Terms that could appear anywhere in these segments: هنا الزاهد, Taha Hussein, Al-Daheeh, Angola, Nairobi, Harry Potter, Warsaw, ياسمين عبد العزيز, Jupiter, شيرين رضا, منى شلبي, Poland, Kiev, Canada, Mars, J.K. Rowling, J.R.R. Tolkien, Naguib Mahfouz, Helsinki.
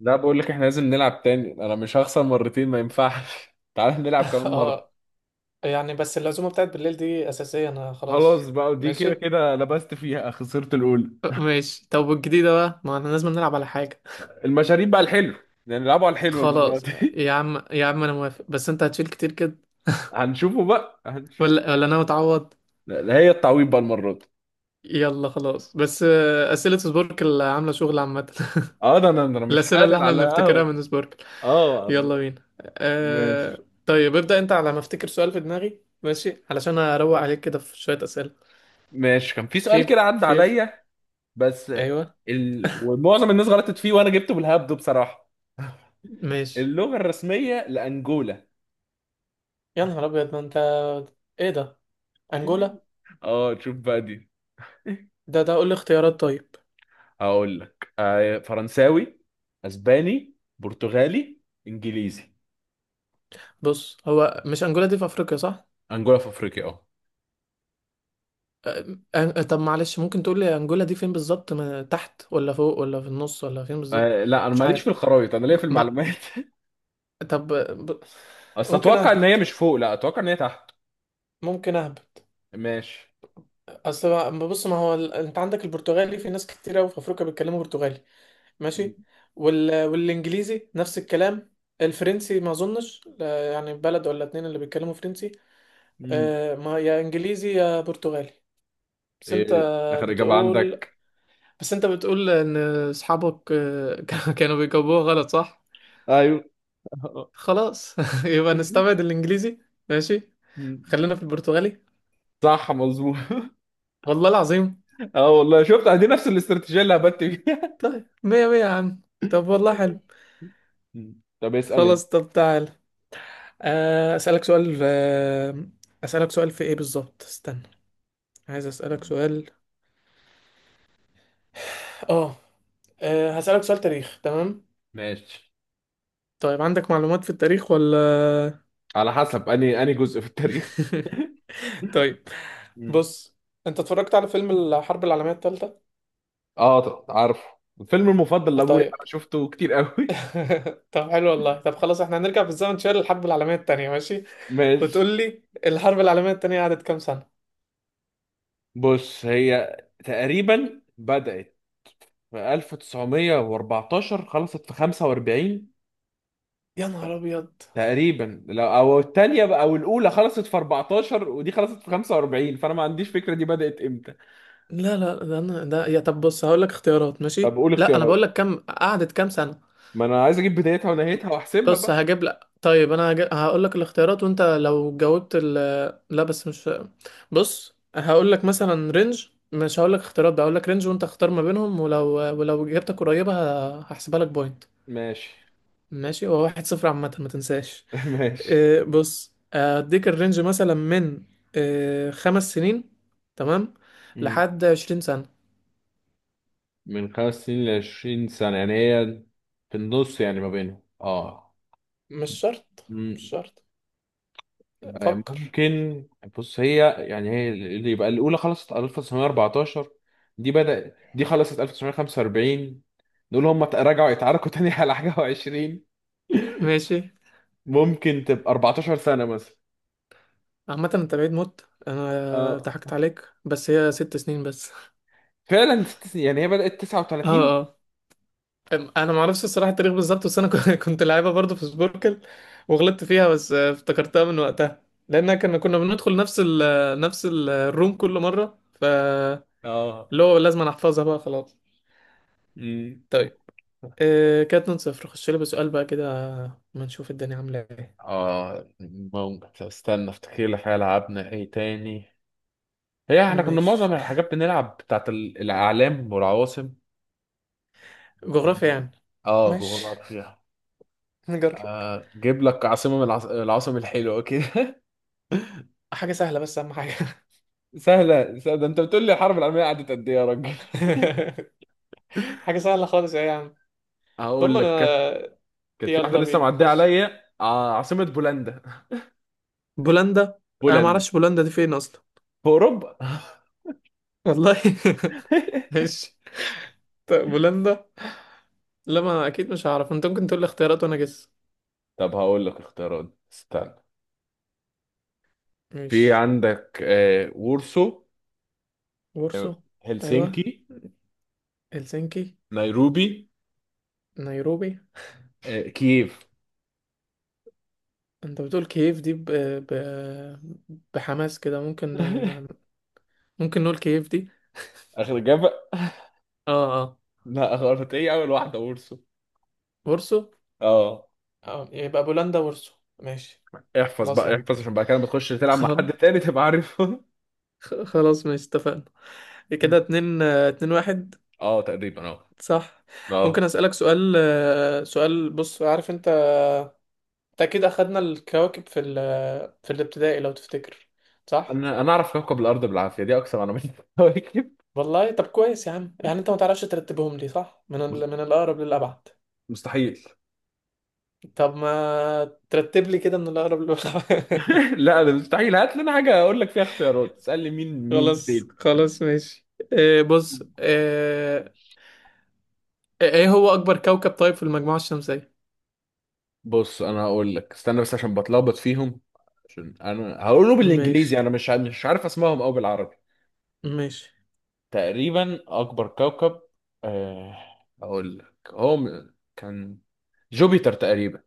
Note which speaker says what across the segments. Speaker 1: لا، بقول لك احنا لازم نلعب تاني، انا مش هخسر مرتين ما ينفعش. تعال نلعب كمان مرة.
Speaker 2: اه. يعني بس العزومة بتاعت بالليل دي أساسية، أنا
Speaker 1: خلاص
Speaker 2: خلاص.
Speaker 1: بقى دي كده
Speaker 2: ماشي،
Speaker 1: كده لبست فيها، خسرت الاولى.
Speaker 2: ماشي. طب والجديدة بقى، ما احنا لازم نلعب على حاجة.
Speaker 1: المشاريب بقى الحلو. يعني نلعبه على الحلو المرة
Speaker 2: خلاص،
Speaker 1: دي.
Speaker 2: يا عم يا عم، انا موافق، بس انت هتشيل كتير كده.
Speaker 1: هنشوفه بقى، هنشوف.
Speaker 2: ولا ولا، انا متعوض.
Speaker 1: لا لا، هي التعويض بقى المرة دي.
Speaker 2: يلا خلاص، بس أسئلة سبوركل عاملة شغل، عامة.
Speaker 1: اه، ده انا مش
Speaker 2: الأسئلة اللي
Speaker 1: حالل
Speaker 2: احنا
Speaker 1: على
Speaker 2: بنفتكرها
Speaker 1: قهوة.
Speaker 2: من سبوركل.
Speaker 1: اه.
Speaker 2: يلا بينا.
Speaker 1: ماشي،
Speaker 2: أه... طيب، ابدأ انت. على ما افتكر سؤال في دماغي، ماشي، علشان اروق عليك كده في شوية أسئلة.
Speaker 1: ماشي. كان في سؤال كده
Speaker 2: فيف
Speaker 1: عدى
Speaker 2: فيف.
Speaker 1: عليا. بس
Speaker 2: ايوه.
Speaker 1: ومعظم الناس غلطت فيه وانا جبته بالهبد بصراحة.
Speaker 2: ماشي.
Speaker 1: اللغة الرسمية لأنجولا.
Speaker 2: يا نهار أبيض، ما أنت... إيه ده؟ انجولا؟
Speaker 1: اه، تشوف بقى دي.
Speaker 2: ده، ده قول لي اختيارات، طيب.
Speaker 1: هقول لك فرنساوي، اسباني، برتغالي، انجليزي.
Speaker 2: بص، هو مش انجولا دي في افريقيا، صح؟
Speaker 1: انجولا في افريقيا، اه.
Speaker 2: طب معلش، ممكن تقول لي انجولا دي فين بالظبط، تحت ولا فوق ولا في النص ولا فين بالظبط؟
Speaker 1: لا، انا
Speaker 2: مش
Speaker 1: ماليش
Speaker 2: عارف.
Speaker 1: في الخرايط، انا ليا في
Speaker 2: ما...
Speaker 1: المعلومات.
Speaker 2: طب.
Speaker 1: اصل
Speaker 2: ممكن
Speaker 1: اتوقع ان هي
Speaker 2: اهبط
Speaker 1: مش فوق، لا اتوقع ان هي تحت.
Speaker 2: ممكن اهبط.
Speaker 1: ماشي.
Speaker 2: اصل بص، ما هو انت عندك البرتغالي، في ناس كتير قوي في افريقيا بيتكلموا برتغالي.
Speaker 1: مم.
Speaker 2: ماشي. والانجليزي نفس الكلام. الفرنسي ما اظنش، لا، يعني بلد ولا اتنين اللي بيتكلموا فرنسي.
Speaker 1: مم.
Speaker 2: ما يا انجليزي يا برتغالي. بس انت
Speaker 1: ايه اخر اجابه
Speaker 2: بتقول
Speaker 1: عندك؟
Speaker 2: بس انت بتقول ان اصحابك كانوا بيجاوبوها غلط، صح؟
Speaker 1: ايوه.
Speaker 2: خلاص. يبقى نستبعد الانجليزي. ماشي،
Speaker 1: مم.
Speaker 2: خلينا في البرتغالي.
Speaker 1: صح، مظبوط.
Speaker 2: والله العظيم.
Speaker 1: اه والله، شفت دي نفس الاستراتيجيه اللي هبت فيها.
Speaker 2: طيب، مية مية يا عم. طب والله حلو.
Speaker 1: مم. طب اسال انت.
Speaker 2: خلاص، طب تعال. آه، اسالك سؤال آه، اسالك سؤال في ايه بالظبط، استنى. عايز اسالك سؤال. اه. هسالك سؤال تاريخ، تمام؟
Speaker 1: ماشي.
Speaker 2: طيب عندك معلومات في التاريخ ولا؟
Speaker 1: على حسب اني جزء في التاريخ.
Speaker 2: طيب
Speaker 1: مم.
Speaker 2: بص، انت اتفرجت على فيلم الحرب العالمية التالتة؟
Speaker 1: اه، عارفه. الفيلم المفضل لابويا.
Speaker 2: طيب.
Speaker 1: انا شفته كتير قوي.
Speaker 2: طب حلو، والله. طب خلاص، احنا هنرجع بالزمن شوية للحرب العالمية التانية، ماشي.
Speaker 1: ماشي.
Speaker 2: وتقول لي الحرب العالمية التانية قعدت كام سنة؟
Speaker 1: بص، هي تقريبا بدأت في 1914، خلصت في 45.
Speaker 2: يا نهار ابيض.
Speaker 1: تقريبا، لو او الثانيه بقى، او الاولى خلصت في 14 ودي خلصت في 45، فانا ما عنديش فكره دي بدأت امتى.
Speaker 2: لا لا، ده انا ده، يا، طب بص هقول لك اختيارات،
Speaker 1: طب
Speaker 2: ماشي؟
Speaker 1: قول
Speaker 2: لا انا
Speaker 1: اختيارات،
Speaker 2: بقول لك قعدت كام سنة.
Speaker 1: ما انا عايز اجيب بدايتها ونهايتها واحسبها
Speaker 2: بص،
Speaker 1: بقى.
Speaker 2: هجيب لك. طيب انا هقول لك الاختيارات، وانت لو جاوبت لا، بس مش... بص، هقول لك مثلا رينج، مش هقول لك اختيارات، بقى هقول لك رينج وانت اختار ما بينهم، ولو ولو اجابتك قريبه، هحسبها لك بوينت.
Speaker 1: ماشي.
Speaker 2: ماشي. هو 1-0، عامه ما تنساش.
Speaker 1: ماشي.
Speaker 2: إيه، بص اديك الرينج مثلا من... إيه، 5 سنين. تمام.
Speaker 1: مم.
Speaker 2: لحد 20 سنه.
Speaker 1: من خمس سنين ل 20 سنه، يعني هي في النص يعني، ما بينهم، اه.
Speaker 2: مش شرط، مش شرط. فكر.
Speaker 1: ممكن. بص، هي يعني هي اللي يبقى الاولى خلصت 1914، دي خلصت 1945. دول هم رجعوا يتعاركوا تاني على حاجه و20،
Speaker 2: ماشي.
Speaker 1: ممكن تبقى 14 سنه مثلا.
Speaker 2: عامة انت بعيد موت، انا
Speaker 1: اه
Speaker 2: ضحكت عليك، بس هي 6 سنين بس.
Speaker 1: فعلا، ست سنين. يعني هي بدأت
Speaker 2: اه
Speaker 1: 39.
Speaker 2: اه. انا معرفش الصراحة التاريخ بالظبط، بس انا كنت لعيبة برضه في سبوركل. وغلطت فيها، بس افتكرتها من وقتها. لان كنا بندخل نفس الروم كل مرة،
Speaker 1: اه.
Speaker 2: اللي هو لازم أنا احفظها بقى، خلاص.
Speaker 1: امم
Speaker 2: طيب. كده 2-0، خش لي بسؤال بقى كده. ما نشوف الدنيا عاملة ايه.
Speaker 1: اه، ممكن استنى افتكر لك حاجه لعبنا ايه تاني. هي احنا كنا
Speaker 2: ماشي.
Speaker 1: معظم الحاجات بنلعب بتاعت الاعلام والعواصم.
Speaker 2: جغرافيا
Speaker 1: مم.
Speaker 2: يعني.
Speaker 1: اه،
Speaker 2: ماشي،
Speaker 1: جغرافيا.
Speaker 2: نجرب.
Speaker 1: جيب لك عاصمة من العواصم الحلوة كده.
Speaker 2: حاجة سهلة، بس أهم حاجة.
Speaker 1: سهلة سهلة؟ ده انت بتقول لي الحرب العالمية قعدت قد ايه يا راجل!
Speaker 2: حاجة سهلة خالص، ايه... هم،
Speaker 1: هقول لك
Speaker 2: انا...
Speaker 1: كانت. كانت في واحدة
Speaker 2: يلا
Speaker 1: لسه
Speaker 2: بينا،
Speaker 1: معدية
Speaker 2: خش.
Speaker 1: عليا، عاصمة بولندا.
Speaker 2: بولندا. انا ما
Speaker 1: بولندا
Speaker 2: اعرفش بولندا دي فين اصلا.
Speaker 1: في اوروبا.
Speaker 2: والله. ماشي. طيب، بولندا. لا، ما اكيد مش هعرف. انت ممكن تقول لي اختيارات وانا جس.
Speaker 1: طب هقول لك اختيارات، استنى. في
Speaker 2: ماشي.
Speaker 1: عندك وورسو،
Speaker 2: وورسو؟ ايوه.
Speaker 1: هلسنكي،
Speaker 2: هلسنكي.
Speaker 1: نيروبي،
Speaker 2: نيروبي.
Speaker 1: كييف.
Speaker 2: انت بتقول كييف دي بحماس كده. ممكن ممكن نقول كييف دي؟
Speaker 1: اخر اجابة.
Speaker 2: اه اه.
Speaker 1: لا، غلط، ايه اول واحدة، وورسو.
Speaker 2: وورسو.
Speaker 1: اه.
Speaker 2: اه، يبقى بولندا وورسو. ماشي.
Speaker 1: احفظ
Speaker 2: خلاص يا
Speaker 1: بقى
Speaker 2: عم.
Speaker 1: احفظ عشان بقى كده لما تخش تلعب مع
Speaker 2: خلاص.
Speaker 1: حد تاني تبقى عارفه.
Speaker 2: خلاص ماشي، اتفقنا. كده اتنين اتنين واحد.
Speaker 1: اه تقريبا، اه.
Speaker 2: صح. ممكن
Speaker 1: اه،
Speaker 2: اسألك سؤال، سؤال. بص، عارف انت، انت اكيد اخدنا الكواكب في في الابتدائي، لو تفتكر، صح.
Speaker 1: انا اعرف كوكب الارض بالعافيه، دي اكثر معلومات. كواكب.
Speaker 2: والله. طب كويس يا عم. يعني انت ما تعرفش ترتبهم لي، صح، من
Speaker 1: مس-
Speaker 2: من الاقرب للابعد.
Speaker 1: مستحيل.
Speaker 2: طب ما ترتب لي كده من الاقرب للابعد.
Speaker 1: لا، انا مستحيل. هات لنا حاجه اقول لك فيها اختيارات، تسال لي مين مين
Speaker 2: خلاص،
Speaker 1: فين.
Speaker 2: خلاص، ماشي. بص. ايه هو اكبر كوكب، طيب، في المجموعة الشمسية؟
Speaker 1: بص، انا هقول لك استنى بس عشان بتلخبط فيهم. عشان انا هقوله
Speaker 2: ماشي،
Speaker 1: بالانجليزي، انا مش عارف اسمائهم او بالعربي.
Speaker 2: ماشي.
Speaker 1: تقريبا اكبر كوكب، آه، اقول لك هو كان جوبيتر تقريبا.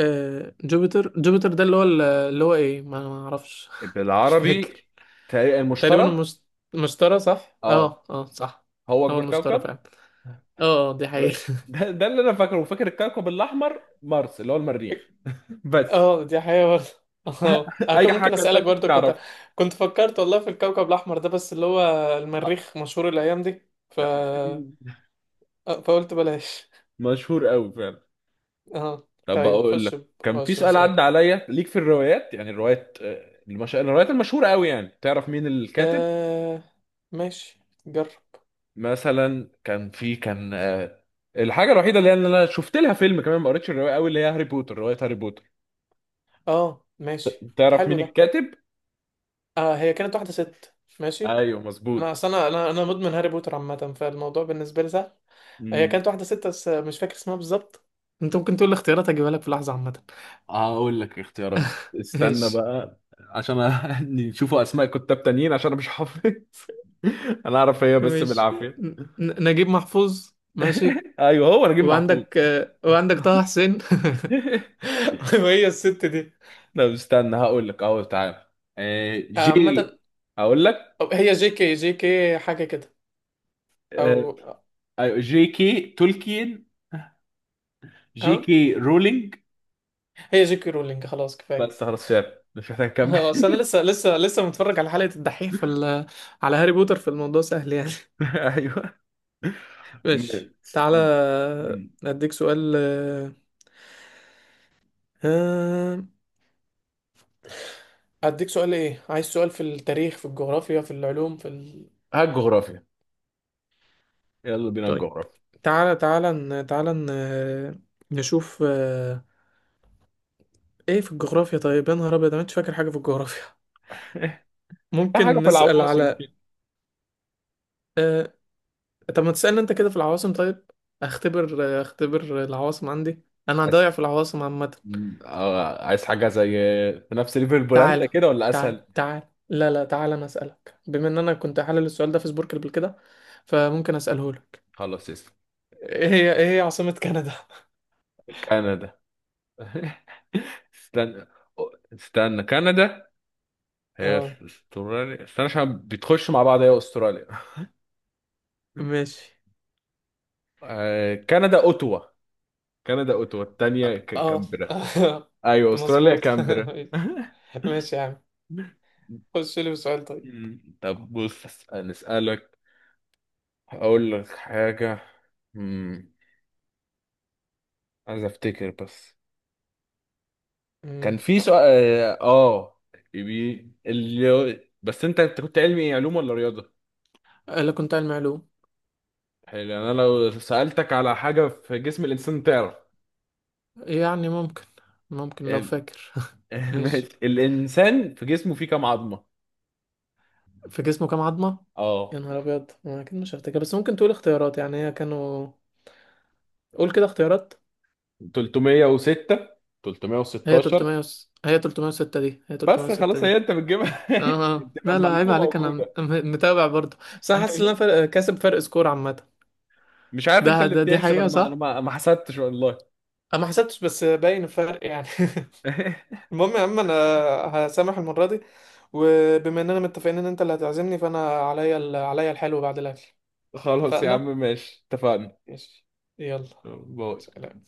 Speaker 2: جوبيتر. ده اللي هو، اللي هو ايه، ما اعرفش. مش
Speaker 1: بالعربي،
Speaker 2: فاكر.
Speaker 1: تقريبا
Speaker 2: تقريبا
Speaker 1: المشتري.
Speaker 2: المشتري، صح.
Speaker 1: اه،
Speaker 2: اه اه، صح.
Speaker 1: هو
Speaker 2: هو
Speaker 1: اكبر
Speaker 2: المشتري
Speaker 1: كوكب.
Speaker 2: فعلا. اه اه، دي حقيقة.
Speaker 1: ده اللي انا فاكره، وفاكر الكوكب الاحمر مارس اللي هو المريخ. بس.
Speaker 2: اه، دي حقيقة برضه. اه، انا كنت
Speaker 1: اي
Speaker 2: ممكن
Speaker 1: حاجه
Speaker 2: اسألك
Speaker 1: تانية
Speaker 2: برضه، كنت...
Speaker 1: تعرفها؟
Speaker 2: كنت فكرت والله في الكوكب الاحمر ده، بس اللي هو المريخ مشهور الايام دي، ف آه، فقلت بلاش.
Speaker 1: مشهور قوي فعلا.
Speaker 2: اه،
Speaker 1: طب
Speaker 2: طيب،
Speaker 1: بقول لك كان في
Speaker 2: خش
Speaker 1: سؤال عدى
Speaker 2: بسؤال.
Speaker 1: عليا ليك في الروايات، يعني الروايات الروايات المشهوره قوي، يعني تعرف مين الكاتب.
Speaker 2: آه... ماشي، جرب.
Speaker 1: مثلا كان في الحاجه الوحيده اللي انا شفت لها فيلم كمان ما قريتش الروايه قوي، اللي هي هاري بوتر، روايه هاري بوتر.
Speaker 2: اه، ماشي.
Speaker 1: تعرف
Speaker 2: حلو
Speaker 1: مين
Speaker 2: ده.
Speaker 1: الكاتب؟
Speaker 2: هي كانت واحدة ست، ماشي.
Speaker 1: ايوه، مظبوط.
Speaker 2: انا اصل انا مدمن هاري بوتر، عامة، فالموضوع بالنسبة لي سهل. هي كانت واحدة ست بس مش فاكر اسمها بالظبط. انت ممكن تقول الاختيارات، اجيبها لك في لحظة، عامة.
Speaker 1: هقول لك اختيارات، استنى
Speaker 2: ماشي.
Speaker 1: بقى. عشان نشوفوا اسماء كتاب تانيين عشان انا مش حافظ. انا اعرف هي بس
Speaker 2: ماشي،
Speaker 1: بالعافيه.
Speaker 2: ن- نجيب محفوظ. ماشي.
Speaker 1: ايوه، هو نجيب محفوظ.
Speaker 2: وعندك طه حسين. وهي الست دي.
Speaker 1: لا، استنى هقول لك اهو، تعالى. جي.
Speaker 2: عامة.
Speaker 1: هقول لك،
Speaker 2: أو هي جي كي، حاجة كده،
Speaker 1: آه،
Speaker 2: او،
Speaker 1: أيوة، جي كي تولكين،
Speaker 2: ها.
Speaker 1: جي كي رولينج.
Speaker 2: هي جي كي رولينج، خلاص كفاية.
Speaker 1: بس خلاص، فعلا مش محتاج اكمل.
Speaker 2: اصل انا لسه متفرج على حلقة الدحيح في على هاري بوتر، في الموضوع سهل يعني.
Speaker 1: ايوه.
Speaker 2: ماشي، تعالى.
Speaker 1: م- م-
Speaker 2: اديك سؤال. آه، ايه، عايز سؤال، في التاريخ، في الجغرافيا، في العلوم، في
Speaker 1: هات جغرافيا، يلا بينا
Speaker 2: طيب،
Speaker 1: الجغرافيا.
Speaker 2: تعالى تعالى، تعالى، نشوف. ايه في الجغرافيا، طيب. يا نهار ابيض، انا مش فاكر حاجة في الجغرافيا.
Speaker 1: حاجه
Speaker 2: ممكن
Speaker 1: في
Speaker 2: نسأل
Speaker 1: العواصم
Speaker 2: على... آه، طب ما تسألني انت كده في العواصم، طيب. اختبر، اختبر العواصم عندي. انا
Speaker 1: كده.
Speaker 2: ضايع في العواصم عامة.
Speaker 1: عايز حاجة زي في نفس ليفل بولندا
Speaker 2: تعال،
Speaker 1: كده، ولا
Speaker 2: تعال،
Speaker 1: أسهل؟
Speaker 2: تعال. لا لا، تعال انا اسالك بما ان انا كنت حلل السؤال ده في سبورك قبل كده، فممكن اساله لك.
Speaker 1: خلاص. اسم
Speaker 2: ايه هي عاصمة كندا؟
Speaker 1: كندا. استنى، استنى كندا. هي
Speaker 2: اه،
Speaker 1: استراليا، استنى عشان بتخش مع بعض. هي استراليا.
Speaker 2: ماشي.
Speaker 1: كندا أوتوا. كندا أوتوا، التانية
Speaker 2: اه.
Speaker 1: كامبرا. أيوة، استراليا
Speaker 2: مظبوط.
Speaker 1: كامبرا.
Speaker 2: ماشي يا عم. خش لي بسؤال طيب.
Speaker 1: طب بص، نسألك، أقول لك حاجة. مم، عايز أفتكر بس. كان
Speaker 2: امم
Speaker 1: في سؤال. اه، بس انت كنت علمي، إيه، علوم ولا رياضه؟
Speaker 2: لا كنت علم علوم.
Speaker 1: حلو. يعني انا لو سالتك على حاجه في جسم الانسان تعرف؟
Speaker 2: يعني ممكن، لو
Speaker 1: ال-
Speaker 2: فاكر.
Speaker 1: ماشي.
Speaker 2: ماشي.
Speaker 1: الانسان في جسمه فيه كام عظمه؟
Speaker 2: في جسمه كام عظمة؟
Speaker 1: اه،
Speaker 2: يا نهار ابيض، أنا اكيد مش هفتكر، بس ممكن تقول اختيارات، يعني هي كانوا... قول كده اختيارات.
Speaker 1: 306،
Speaker 2: هي
Speaker 1: 316.
Speaker 2: 300 هي 306 دي هي
Speaker 1: بس
Speaker 2: 306
Speaker 1: خلاص، هي
Speaker 2: دي
Speaker 1: انت بتجيبها.
Speaker 2: اه اه.
Speaker 1: تبقى
Speaker 2: لا لا، عيب
Speaker 1: المعلومه
Speaker 2: عليك، انا
Speaker 1: موجوده.
Speaker 2: متابع برضه. بس انا حاسس ان انا كاسب فرق سكور، عامه.
Speaker 1: مش عارف، انت
Speaker 2: ده
Speaker 1: اللي
Speaker 2: ده دي
Speaker 1: بتحسب، انا
Speaker 2: حقيقه،
Speaker 1: ما انا
Speaker 2: صح.
Speaker 1: ما حسبتش والله.
Speaker 2: انا ما حسبتش بس باين الفرق يعني. المهم يا عم، انا هسامح المره دي، وبما اننا متفقين ان انت اللي هتعزمني، فانا عليا عليا الحلو بعد الاكل.
Speaker 1: خلاص يا
Speaker 2: اتفقنا.
Speaker 1: عم، ماشي، اتفقنا.
Speaker 2: ماشي. يلا.
Speaker 1: باي.
Speaker 2: سلام.